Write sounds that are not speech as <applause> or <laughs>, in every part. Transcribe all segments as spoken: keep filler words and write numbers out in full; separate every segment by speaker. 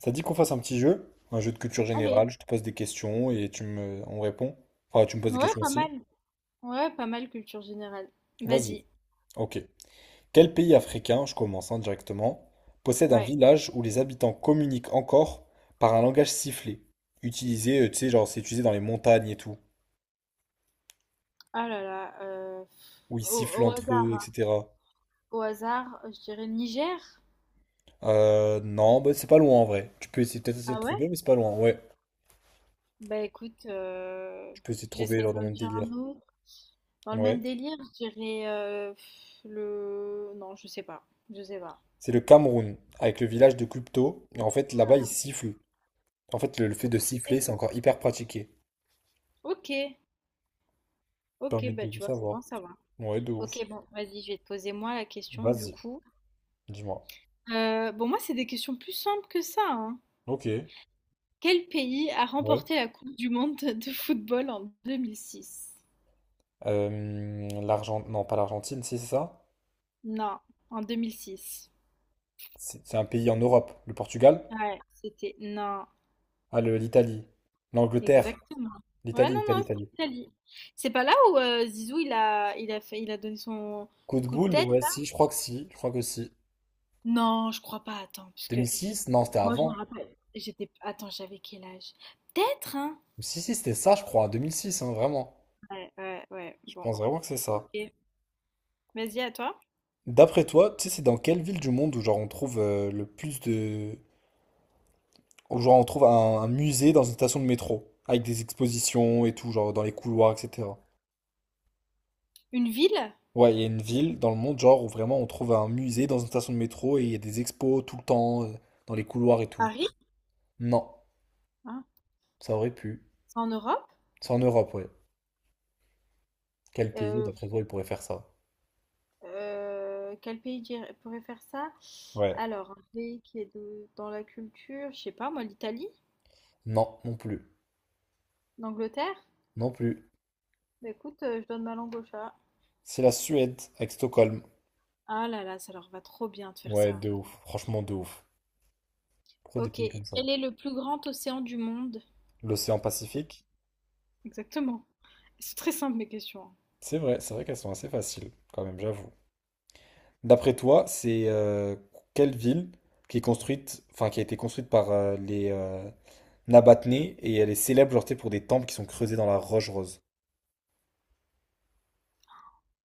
Speaker 1: Ça dit qu'on fasse un petit jeu, un jeu de culture générale,
Speaker 2: Allez,
Speaker 1: je te pose des questions et tu me on répond. Enfin, tu me poses des
Speaker 2: ouais,
Speaker 1: questions
Speaker 2: pas
Speaker 1: aussi.
Speaker 2: mal. Ouais, pas mal culture générale.
Speaker 1: Vas-y.
Speaker 2: Vas-y.
Speaker 1: Ok. Quel pays africain, je commence hein, directement, possède un
Speaker 2: Ouais.
Speaker 1: village où les habitants communiquent encore par un langage sifflé, utilisé, euh, tu sais, genre c'est utilisé dans les montagnes et tout,
Speaker 2: Ah là là. euh,
Speaker 1: où ils
Speaker 2: au,
Speaker 1: sifflent
Speaker 2: au
Speaker 1: entre eux,
Speaker 2: hasard,
Speaker 1: et cétéra.
Speaker 2: au hasard, je dirais le Niger.
Speaker 1: Euh, non, bah, c'est pas loin en vrai. Tu peux essayer peut-être essayer de
Speaker 2: Ah
Speaker 1: trouver,
Speaker 2: ouais?
Speaker 1: mais c'est pas loin. Ouais,
Speaker 2: Bah écoute, euh,
Speaker 1: tu peux essayer de trouver
Speaker 2: j'essaie
Speaker 1: genre dans
Speaker 2: d'en
Speaker 1: le même
Speaker 2: dire
Speaker 1: délire.
Speaker 2: un autre. Dans le même
Speaker 1: Ouais.
Speaker 2: délire, je dirais euh, pff, le. Non, je sais pas. Je sais pas.
Speaker 1: C'est le Cameroun, avec le village de Kupto. Et en fait, là-bas, ils sifflent. En fait, le, le fait de siffler, c'est encore hyper pratiqué.
Speaker 2: Ok,
Speaker 1: Ça
Speaker 2: ok,
Speaker 1: permet
Speaker 2: bah
Speaker 1: de, de
Speaker 2: tu vois, c'est
Speaker 1: savoir.
Speaker 2: bon, ça va.
Speaker 1: Ouais, de
Speaker 2: Ok,
Speaker 1: ouf.
Speaker 2: bon, vas-y, je vais te poser moi la question du
Speaker 1: Vas-y,
Speaker 2: coup.
Speaker 1: dis-moi.
Speaker 2: Euh, bon, moi, c'est des questions plus simples que ça, hein.
Speaker 1: Ok,
Speaker 2: Quel pays a
Speaker 1: ouais.
Speaker 2: remporté la Coupe du monde de football en deux mille six?
Speaker 1: Euh, l'Argent... Non, pas l'Argentine, si c'est ça.
Speaker 2: Non, en deux mille six.
Speaker 1: C'est c'est un pays en Europe. Le Portugal?
Speaker 2: Ouais, c'était non,
Speaker 1: Ah, le- l'Italie. L'Angleterre.
Speaker 2: exactement. Ouais,
Speaker 1: L'Italie,
Speaker 2: non,
Speaker 1: l'Italie,
Speaker 2: non,
Speaker 1: l'Italie.
Speaker 2: c'est l'Italie. C'est pas là où euh, Zizou il a, il a fait, il a donné son
Speaker 1: Coup de
Speaker 2: coup de
Speaker 1: boule,
Speaker 2: tête
Speaker 1: ouais,
Speaker 2: là?
Speaker 1: si, je crois que si. Je crois que si.
Speaker 2: Non, je crois pas. Attends, parce que
Speaker 1: deux mille six? Non, c'était
Speaker 2: moi je me
Speaker 1: avant.
Speaker 2: rappelle. J'étais, attends, j'avais quel âge? Peut-être, hein?
Speaker 1: Si, si, c'était ça, je crois. deux mille six, hein, vraiment.
Speaker 2: Ouais, ouais, ouais.
Speaker 1: Je
Speaker 2: Bon.
Speaker 1: pense vraiment que c'est ça.
Speaker 2: Ok. Vas-y, à toi.
Speaker 1: D'après toi, tu sais, c'est dans quelle ville du monde où genre on trouve euh, le plus de. Ou genre on trouve un, un musée dans une station de métro, avec des expositions et tout, genre dans les couloirs, et cétéra.
Speaker 2: Une ville?
Speaker 1: Ouais, il y a une ville dans le monde, genre, où vraiment on trouve un musée dans une station de métro et il y a des expos tout le temps, euh, dans les couloirs et tout.
Speaker 2: Paris?
Speaker 1: Non,
Speaker 2: Hein?
Speaker 1: ça aurait pu.
Speaker 2: C'est en Europe?
Speaker 1: C'est en Europe, ouais. Quel pays, d'après toi, il pourrait faire ça?
Speaker 2: Euh, quel pays dirait- pourrait faire ça?
Speaker 1: Ouais.
Speaker 2: Alors, un pays qui est de- dans la culture, je sais pas, moi, l'Italie?
Speaker 1: Non, non plus.
Speaker 2: L'Angleterre?
Speaker 1: Non plus.
Speaker 2: Bah écoute, euh, je donne ma langue au chat.
Speaker 1: C'est la Suède, avec Stockholm.
Speaker 2: Ah là là, ça leur va trop bien de faire
Speaker 1: Ouais,
Speaker 2: ça.
Speaker 1: de ouf. Franchement, de ouf. Pourquoi des
Speaker 2: Ok,
Speaker 1: pays comme ça?
Speaker 2: quel est le plus grand océan du monde?
Speaker 1: L'océan Pacifique?
Speaker 2: Exactement. C'est très simple mes questions, hein.
Speaker 1: C'est vrai, c'est vrai qu'elles sont assez faciles, quand même, j'avoue. D'après toi, c'est euh, quelle ville qui est construite, enfin qui a été construite par euh, les euh, Nabatnés et elle est célèbre genre, tu sais, pour des temples qui sont creusés dans la roche rose?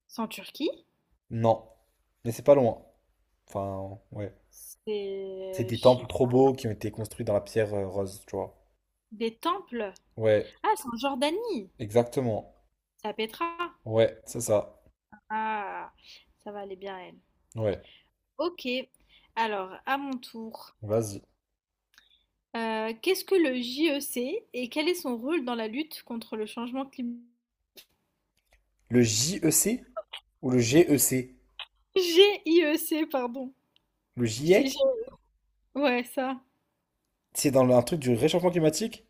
Speaker 2: C'est en Turquie?
Speaker 1: Non, mais c'est pas loin. Enfin, ouais. C'est
Speaker 2: C'est, je
Speaker 1: des temples
Speaker 2: sais
Speaker 1: trop
Speaker 2: pas.
Speaker 1: beaux qui ont été construits dans la pierre euh, rose, tu vois.
Speaker 2: Des temples?
Speaker 1: Ouais,
Speaker 2: Ah, c'est en Jordanie.
Speaker 1: exactement.
Speaker 2: C'est à Petra.
Speaker 1: Ouais, c'est ça.
Speaker 2: Ah, ça va aller bien elle.
Speaker 1: Ouais,
Speaker 2: Ok, alors à mon tour.
Speaker 1: vas-y.
Speaker 2: Euh, qu'est-ce que le J E C et quel est son rôle dans la lutte contre le changement climatique?
Speaker 1: Le J E C ou le G E C?
Speaker 2: GIEC, pardon.
Speaker 1: Le
Speaker 2: Je t'ai-
Speaker 1: GIEC?
Speaker 2: je- Ouais, ça.
Speaker 1: C'est dans le- un truc du réchauffement climatique?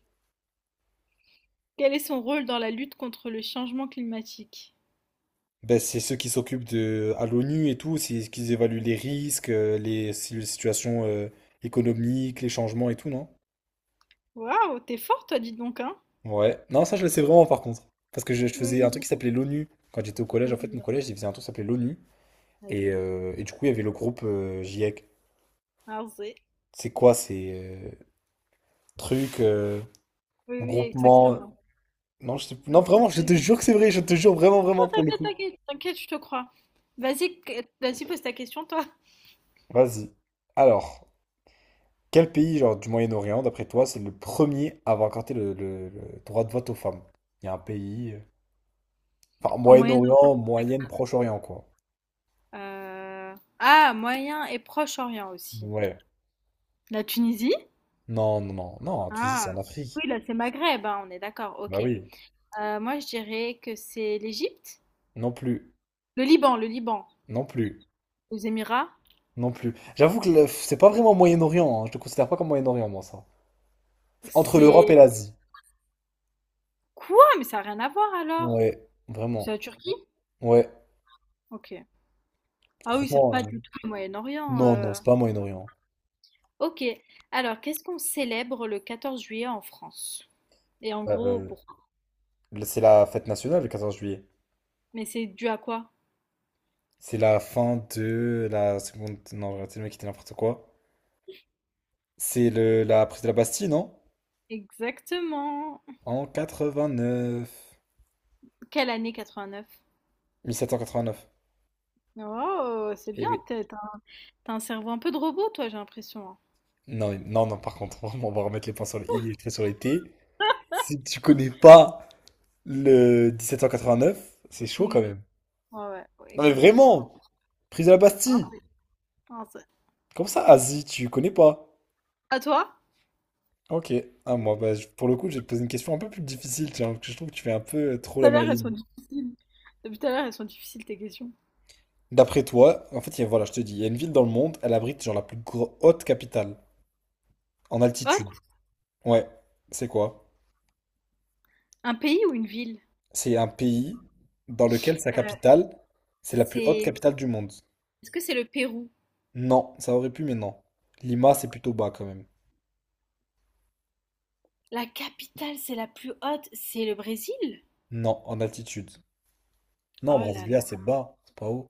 Speaker 2: Quel est son rôle dans la lutte contre le changement climatique?
Speaker 1: Ben, c'est ceux qui s'occupent de à l'O N U et tout, c'est ce qu'ils évaluent les risques, euh, les, si- les situations euh, économiques, les changements et tout, non?
Speaker 2: Waouh, t'es fort, toi, dis donc, hein?
Speaker 1: Ouais. Non, ça je le sais vraiment par contre. Parce que je, je
Speaker 2: Oui,
Speaker 1: faisais un truc qui
Speaker 2: oui,
Speaker 1: s'appelait l'O N U. Quand j'étais au collège, en
Speaker 2: oui,
Speaker 1: fait, mon
Speaker 2: bien sûr,
Speaker 1: collège, il faisait un truc qui s'appelait l'O N U. Et,
Speaker 2: vas-y.
Speaker 1: euh, et du coup, il y avait le groupe euh, GIEC.
Speaker 2: Vas-y.
Speaker 1: C'est quoi ces euh, trucs, euh,
Speaker 2: Oui, oui,
Speaker 1: groupement?
Speaker 2: exactement.
Speaker 1: Non, je sais-
Speaker 2: Ah
Speaker 1: non,
Speaker 2: ouais,
Speaker 1: vraiment, je
Speaker 2: c'est-
Speaker 1: te jure que c'est vrai, je te jure vraiment, vraiment pour le
Speaker 2: Ah,
Speaker 1: coup.
Speaker 2: t'inquiète, t'inquiète, je te crois. Vas-y, que- vas-y, pose ta question, toi.
Speaker 1: Vas-y. Alors. Quel pays, genre, du Moyen-Orient, d'après toi, c'est le premier à avoir accordé le, le- le droit de vote aux femmes? Il y a un pays, euh, enfin,
Speaker 2: Au Moyen-Orient.
Speaker 1: Moyen-Orient, Moyenne, Proche-Orient, quoi.
Speaker 2: Euh, Ah, Moyen et Proche-Orient aussi.
Speaker 1: Ouais.
Speaker 2: La Tunisie?
Speaker 1: Non, non, non. Non, tu dis
Speaker 2: Ah,
Speaker 1: c'est en Afrique.
Speaker 2: oui, là, c'est Maghreb, hein, on est d'accord,
Speaker 1: Bah
Speaker 2: ok.
Speaker 1: oui.
Speaker 2: Euh, moi, je dirais que c'est l'Égypte,
Speaker 1: Non plus.
Speaker 2: le Liban, le Liban,
Speaker 1: Non plus.
Speaker 2: les Émirats.
Speaker 1: Non plus. J'avoue que le- c'est pas vraiment Moyen-Orient, hein. Je te considère pas comme Moyen-Orient, moi, ça. C'est entre l'Europe
Speaker 2: C'est
Speaker 1: et l'Asie.
Speaker 2: quoi? Mais ça n'a rien à voir alors.
Speaker 1: Ouais,
Speaker 2: C'est
Speaker 1: vraiment.
Speaker 2: la Turquie?
Speaker 1: Ouais.
Speaker 2: Ok. Ah oui, c'est
Speaker 1: Franchement,
Speaker 2: pas
Speaker 1: euh,
Speaker 2: du tout le Moyen-Orient,
Speaker 1: non, non,
Speaker 2: euh.
Speaker 1: c'est pas Moyen-Orient.
Speaker 2: Ok. Alors, qu'est-ce qu'on célèbre le quatorze juillet en France? Et en gros,
Speaker 1: Euh,
Speaker 2: pourquoi?
Speaker 1: euh, c'est la fête nationale, le quatorze juillet.
Speaker 2: Mais c'est dû à quoi?
Speaker 1: C'est la fin de la seconde. Non, j'ai raté le mec qui était n'importe quoi. C'est le... la prise de la Bastille, non?
Speaker 2: Exactement.
Speaker 1: En quatre-vingt-neuf.
Speaker 2: Quelle année quatre-vingt-neuf?
Speaker 1: mille sept cent quatre-vingt-neuf.
Speaker 2: Oh, c'est
Speaker 1: Eh
Speaker 2: bien,
Speaker 1: oui.
Speaker 2: t'es- t'as un t'as un cerveau un peu de robot, toi, j'ai l'impression, hein.
Speaker 1: Non, mais- non, non, par contre, <laughs> on va remettre les points sur le i et les traits sur les t. Si tu connais pas le mille sept cent quatre-vingt-neuf, c'est chaud
Speaker 2: Oui,
Speaker 1: quand
Speaker 2: oui.
Speaker 1: même.
Speaker 2: Ouais, ouais, ouais,
Speaker 1: Non, mais
Speaker 2: exactement.
Speaker 1: vraiment! Prise de la
Speaker 2: Ah,
Speaker 1: Bastille!
Speaker 2: c'est- ah, c'est-
Speaker 1: Comme ça, Asie, tu connais pas?
Speaker 2: à toi?
Speaker 1: Ok. Ah, moi, bah, je- pour le coup, j'ai posé une question un peu plus difficile, tiens, parce que je trouve que tu fais un peu trop
Speaker 2: Tout
Speaker 1: la
Speaker 2: à l'heure, elles
Speaker 1: maline.
Speaker 2: sont difficiles. Depuis tout à l'heure, elles sont difficiles tes questions.
Speaker 1: D'après toi, en fait, il y a- voilà, je te dis, il y a une ville dans le monde, elle abrite genre la plus gro- haute capitale en altitude.
Speaker 2: Hot,
Speaker 1: Ouais, c'est quoi?
Speaker 2: un pays ou une ville?
Speaker 1: C'est un pays dans lequel sa
Speaker 2: Euh,
Speaker 1: capitale, c'est la plus haute
Speaker 2: C'est...
Speaker 1: capitale du monde.
Speaker 2: Est-ce que c'est le Pérou?
Speaker 1: Non, ça aurait pu, mais non. Lima, c'est plutôt bas quand même.
Speaker 2: La capitale, c'est la plus haute, c'est le Brésil?
Speaker 1: Non, en altitude. Non,
Speaker 2: Oh là
Speaker 1: Brasilia,
Speaker 2: là,
Speaker 1: c'est bas, c'est pas haut.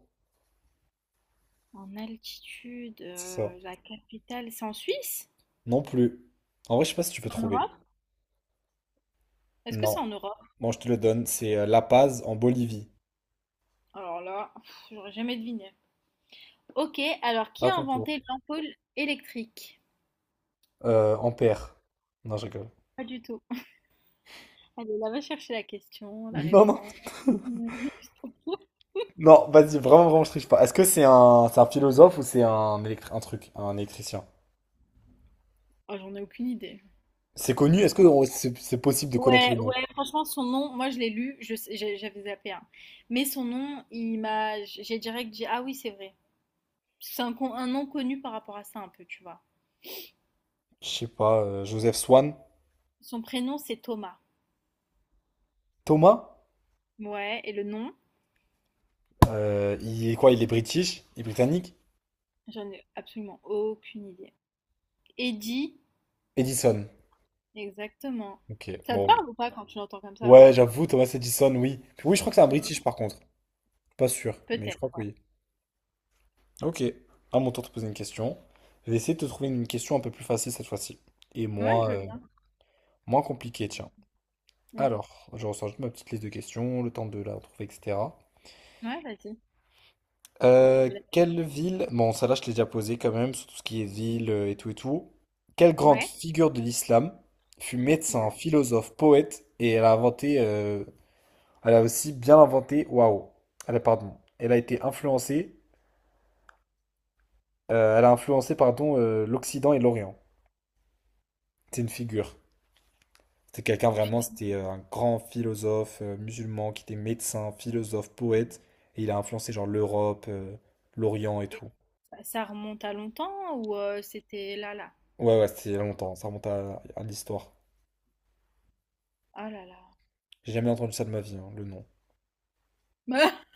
Speaker 2: en altitude,
Speaker 1: C'est ça.
Speaker 2: euh, la capitale, c'est en Suisse?
Speaker 1: Non plus. En vrai, je sais pas si tu peux
Speaker 2: En
Speaker 1: trouver.
Speaker 2: Europe? Est-ce que c'est
Speaker 1: Non.
Speaker 2: en Europe?
Speaker 1: Bon, je te le donne, c'est euh, La Paz en Bolivie.
Speaker 2: Alors là, pff, j'aurais jamais deviné. Ok, alors qui
Speaker 1: À
Speaker 2: a
Speaker 1: ton tour.
Speaker 2: inventé l'ampoule électrique?
Speaker 1: Euh, en paire. Non, je rigole. <laughs>
Speaker 2: Pas du tout. Allez, là, va chercher la question, la
Speaker 1: Non, non.
Speaker 2: réponse. <laughs>
Speaker 1: Non, vas-y, vraiment, vraiment, je triche pas. Est-ce que c'est un, c'est un philosophe ou c'est un, électri- un truc, un électricien?
Speaker 2: Ah, j'en ai aucune idée.
Speaker 1: C'est connu? Est-ce que on- c'est c'est possible de connaître le
Speaker 2: Ouais,
Speaker 1: nom?
Speaker 2: ouais, franchement, son nom, moi je l'ai lu, je sais- j'ai- j'avais zappé un. Mais son nom, il m'a, j'ai direct dit, ah oui, c'est vrai. C'est un, con- un nom connu par rapport à ça un peu, tu vois.
Speaker 1: Je sais pas, euh, Joseph Swan?
Speaker 2: Son prénom, c'est Thomas.
Speaker 1: Thomas?
Speaker 2: Ouais, et le nom,
Speaker 1: Euh, il est quoi? Il est british? Il est britannique?
Speaker 2: j'en ai absolument aucune idée. Eddie,
Speaker 1: Edison.
Speaker 2: exactement.
Speaker 1: Ok,
Speaker 2: Ça te
Speaker 1: bon.
Speaker 2: parle ou pas quand tu l'entends comme ça?
Speaker 1: Ouais, j'avoue, Thomas Edison, oui. Oui, je crois que c'est un
Speaker 2: Tu vois?
Speaker 1: british par contre. Pas sûr, mais je crois
Speaker 2: Peut-être.
Speaker 1: que oui. Ok, à mon tour de te poser une question. Je vais essayer de te trouver une question un peu plus facile cette fois-ci. Et
Speaker 2: Ouais,
Speaker 1: moins,
Speaker 2: je veux
Speaker 1: euh,
Speaker 2: bien.
Speaker 1: moins compliquée, tiens.
Speaker 2: Mm.
Speaker 1: Alors, je ressors juste ma petite liste de questions, le temps de la retrouver, et cétéra.
Speaker 2: Ouais, vas-y, je
Speaker 1: Euh,
Speaker 2: te laisse.
Speaker 1: quelle ville, bon, ça là je l'ai déjà posé quand même, sur tout ce qui est ville euh, et tout et tout. Quelle grande
Speaker 2: Ouais,
Speaker 1: figure de l'islam fut médecin,
Speaker 2: voilà.
Speaker 1: philosophe, poète et elle a inventé, euh, elle a aussi bien inventé, waouh, elle a, pardon, elle a été influencée, euh, elle a influencé, pardon, euh, l'Occident et l'Orient. C'est une figure. C'était quelqu'un
Speaker 2: Une
Speaker 1: vraiment,
Speaker 2: fille.
Speaker 1: c'était euh, un grand philosophe euh, musulman qui était médecin, philosophe, poète, et il a influencé genre l'Europe, euh, l'Orient et
Speaker 2: Et
Speaker 1: tout.
Speaker 2: ça ça remonte à longtemps ou euh, c'était là, là?
Speaker 1: Ouais, ouais, c'était il y a longtemps, ça remonte à, à l'histoire.
Speaker 2: Ah là là.
Speaker 1: J'ai jamais entendu ça de ma vie, hein, le nom.
Speaker 2: <laughs>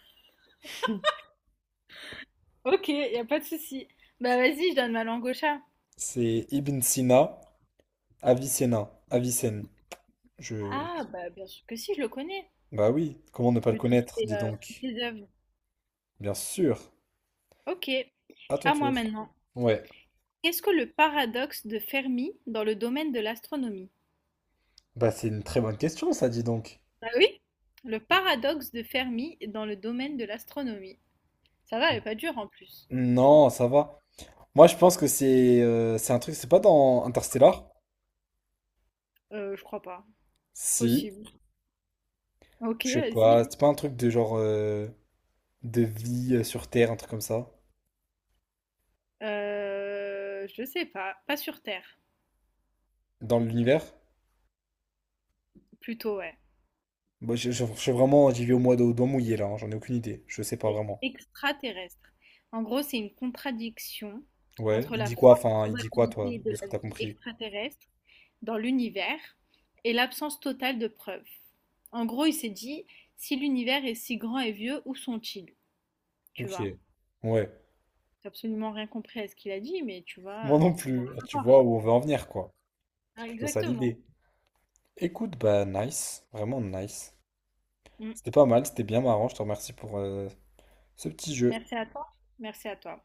Speaker 2: Ok, y a pas de souci. Bah vas-y, je donne ma langue au chat.
Speaker 1: C'est Ibn Sina, Avicenna, Avicenne. Je.
Speaker 2: Ah bah bien sûr que si, je le connais.
Speaker 1: Bah oui, comment ne pas le
Speaker 2: Vu tous
Speaker 1: connaître,
Speaker 2: ses,
Speaker 1: dis
Speaker 2: euh, toutes
Speaker 1: donc.
Speaker 2: ses œuvres.
Speaker 1: Bien sûr,
Speaker 2: Ok,
Speaker 1: à ton
Speaker 2: à moi
Speaker 1: tour.
Speaker 2: maintenant.
Speaker 1: Ouais,
Speaker 2: Qu'est-ce que le paradoxe de Fermi dans le domaine de l'astronomie?
Speaker 1: bah c'est une très bonne question, ça, dis donc.
Speaker 2: Bah oui, le paradoxe de Fermi dans le domaine de l'astronomie. Ça va, elle est pas dure en plus.
Speaker 1: Non, ça va. Moi, je pense que c'est euh, c'est un truc, c'est pas dans Interstellar?
Speaker 2: Euh, je crois pas.
Speaker 1: Si.
Speaker 2: Possible. Ok,
Speaker 1: Je sais
Speaker 2: vas-y.
Speaker 1: pas, c'est pas un truc de genre euh, de vie euh, sur Terre, un truc comme ça,
Speaker 2: Euh, je sais pas. Pas sur Terre.
Speaker 1: dans l'univers?
Speaker 2: Plutôt, ouais.
Speaker 1: Bah, je, je- je- vraiment, j'y vais au mois d'eau doigt mouillé là, hein, j'en ai aucune idée, je sais pas vraiment.
Speaker 2: Extraterrestre. En gros, c'est une contradiction
Speaker 1: Ouais,
Speaker 2: entre
Speaker 1: il
Speaker 2: la
Speaker 1: dit quoi,
Speaker 2: forte
Speaker 1: enfin, il dit quoi toi,
Speaker 2: probabilité
Speaker 1: de
Speaker 2: de
Speaker 1: ce que
Speaker 2: la
Speaker 1: t'as
Speaker 2: vie
Speaker 1: compris?
Speaker 2: extraterrestre dans l'univers et l'absence totale de preuves. En gros, il s'est dit, si l'univers est si grand et vieux, où sont-ils? Tu
Speaker 1: Ok,
Speaker 2: vois?
Speaker 1: ouais,
Speaker 2: J'ai absolument rien compris à ce qu'il a dit, mais tu
Speaker 1: moi
Speaker 2: vois,
Speaker 1: non
Speaker 2: c'est bon
Speaker 1: plus,
Speaker 2: à
Speaker 1: ah, tu
Speaker 2: savoir.
Speaker 1: vois où on veut en venir quoi, c'est
Speaker 2: Ah,
Speaker 1: plutôt ça
Speaker 2: exactement.
Speaker 1: l'idée. Écoute, bah nice, vraiment nice.
Speaker 2: Mm.
Speaker 1: C'était pas mal, c'était bien marrant, je te remercie pour euh, ce petit jeu.
Speaker 2: Merci à toi. Merci à toi.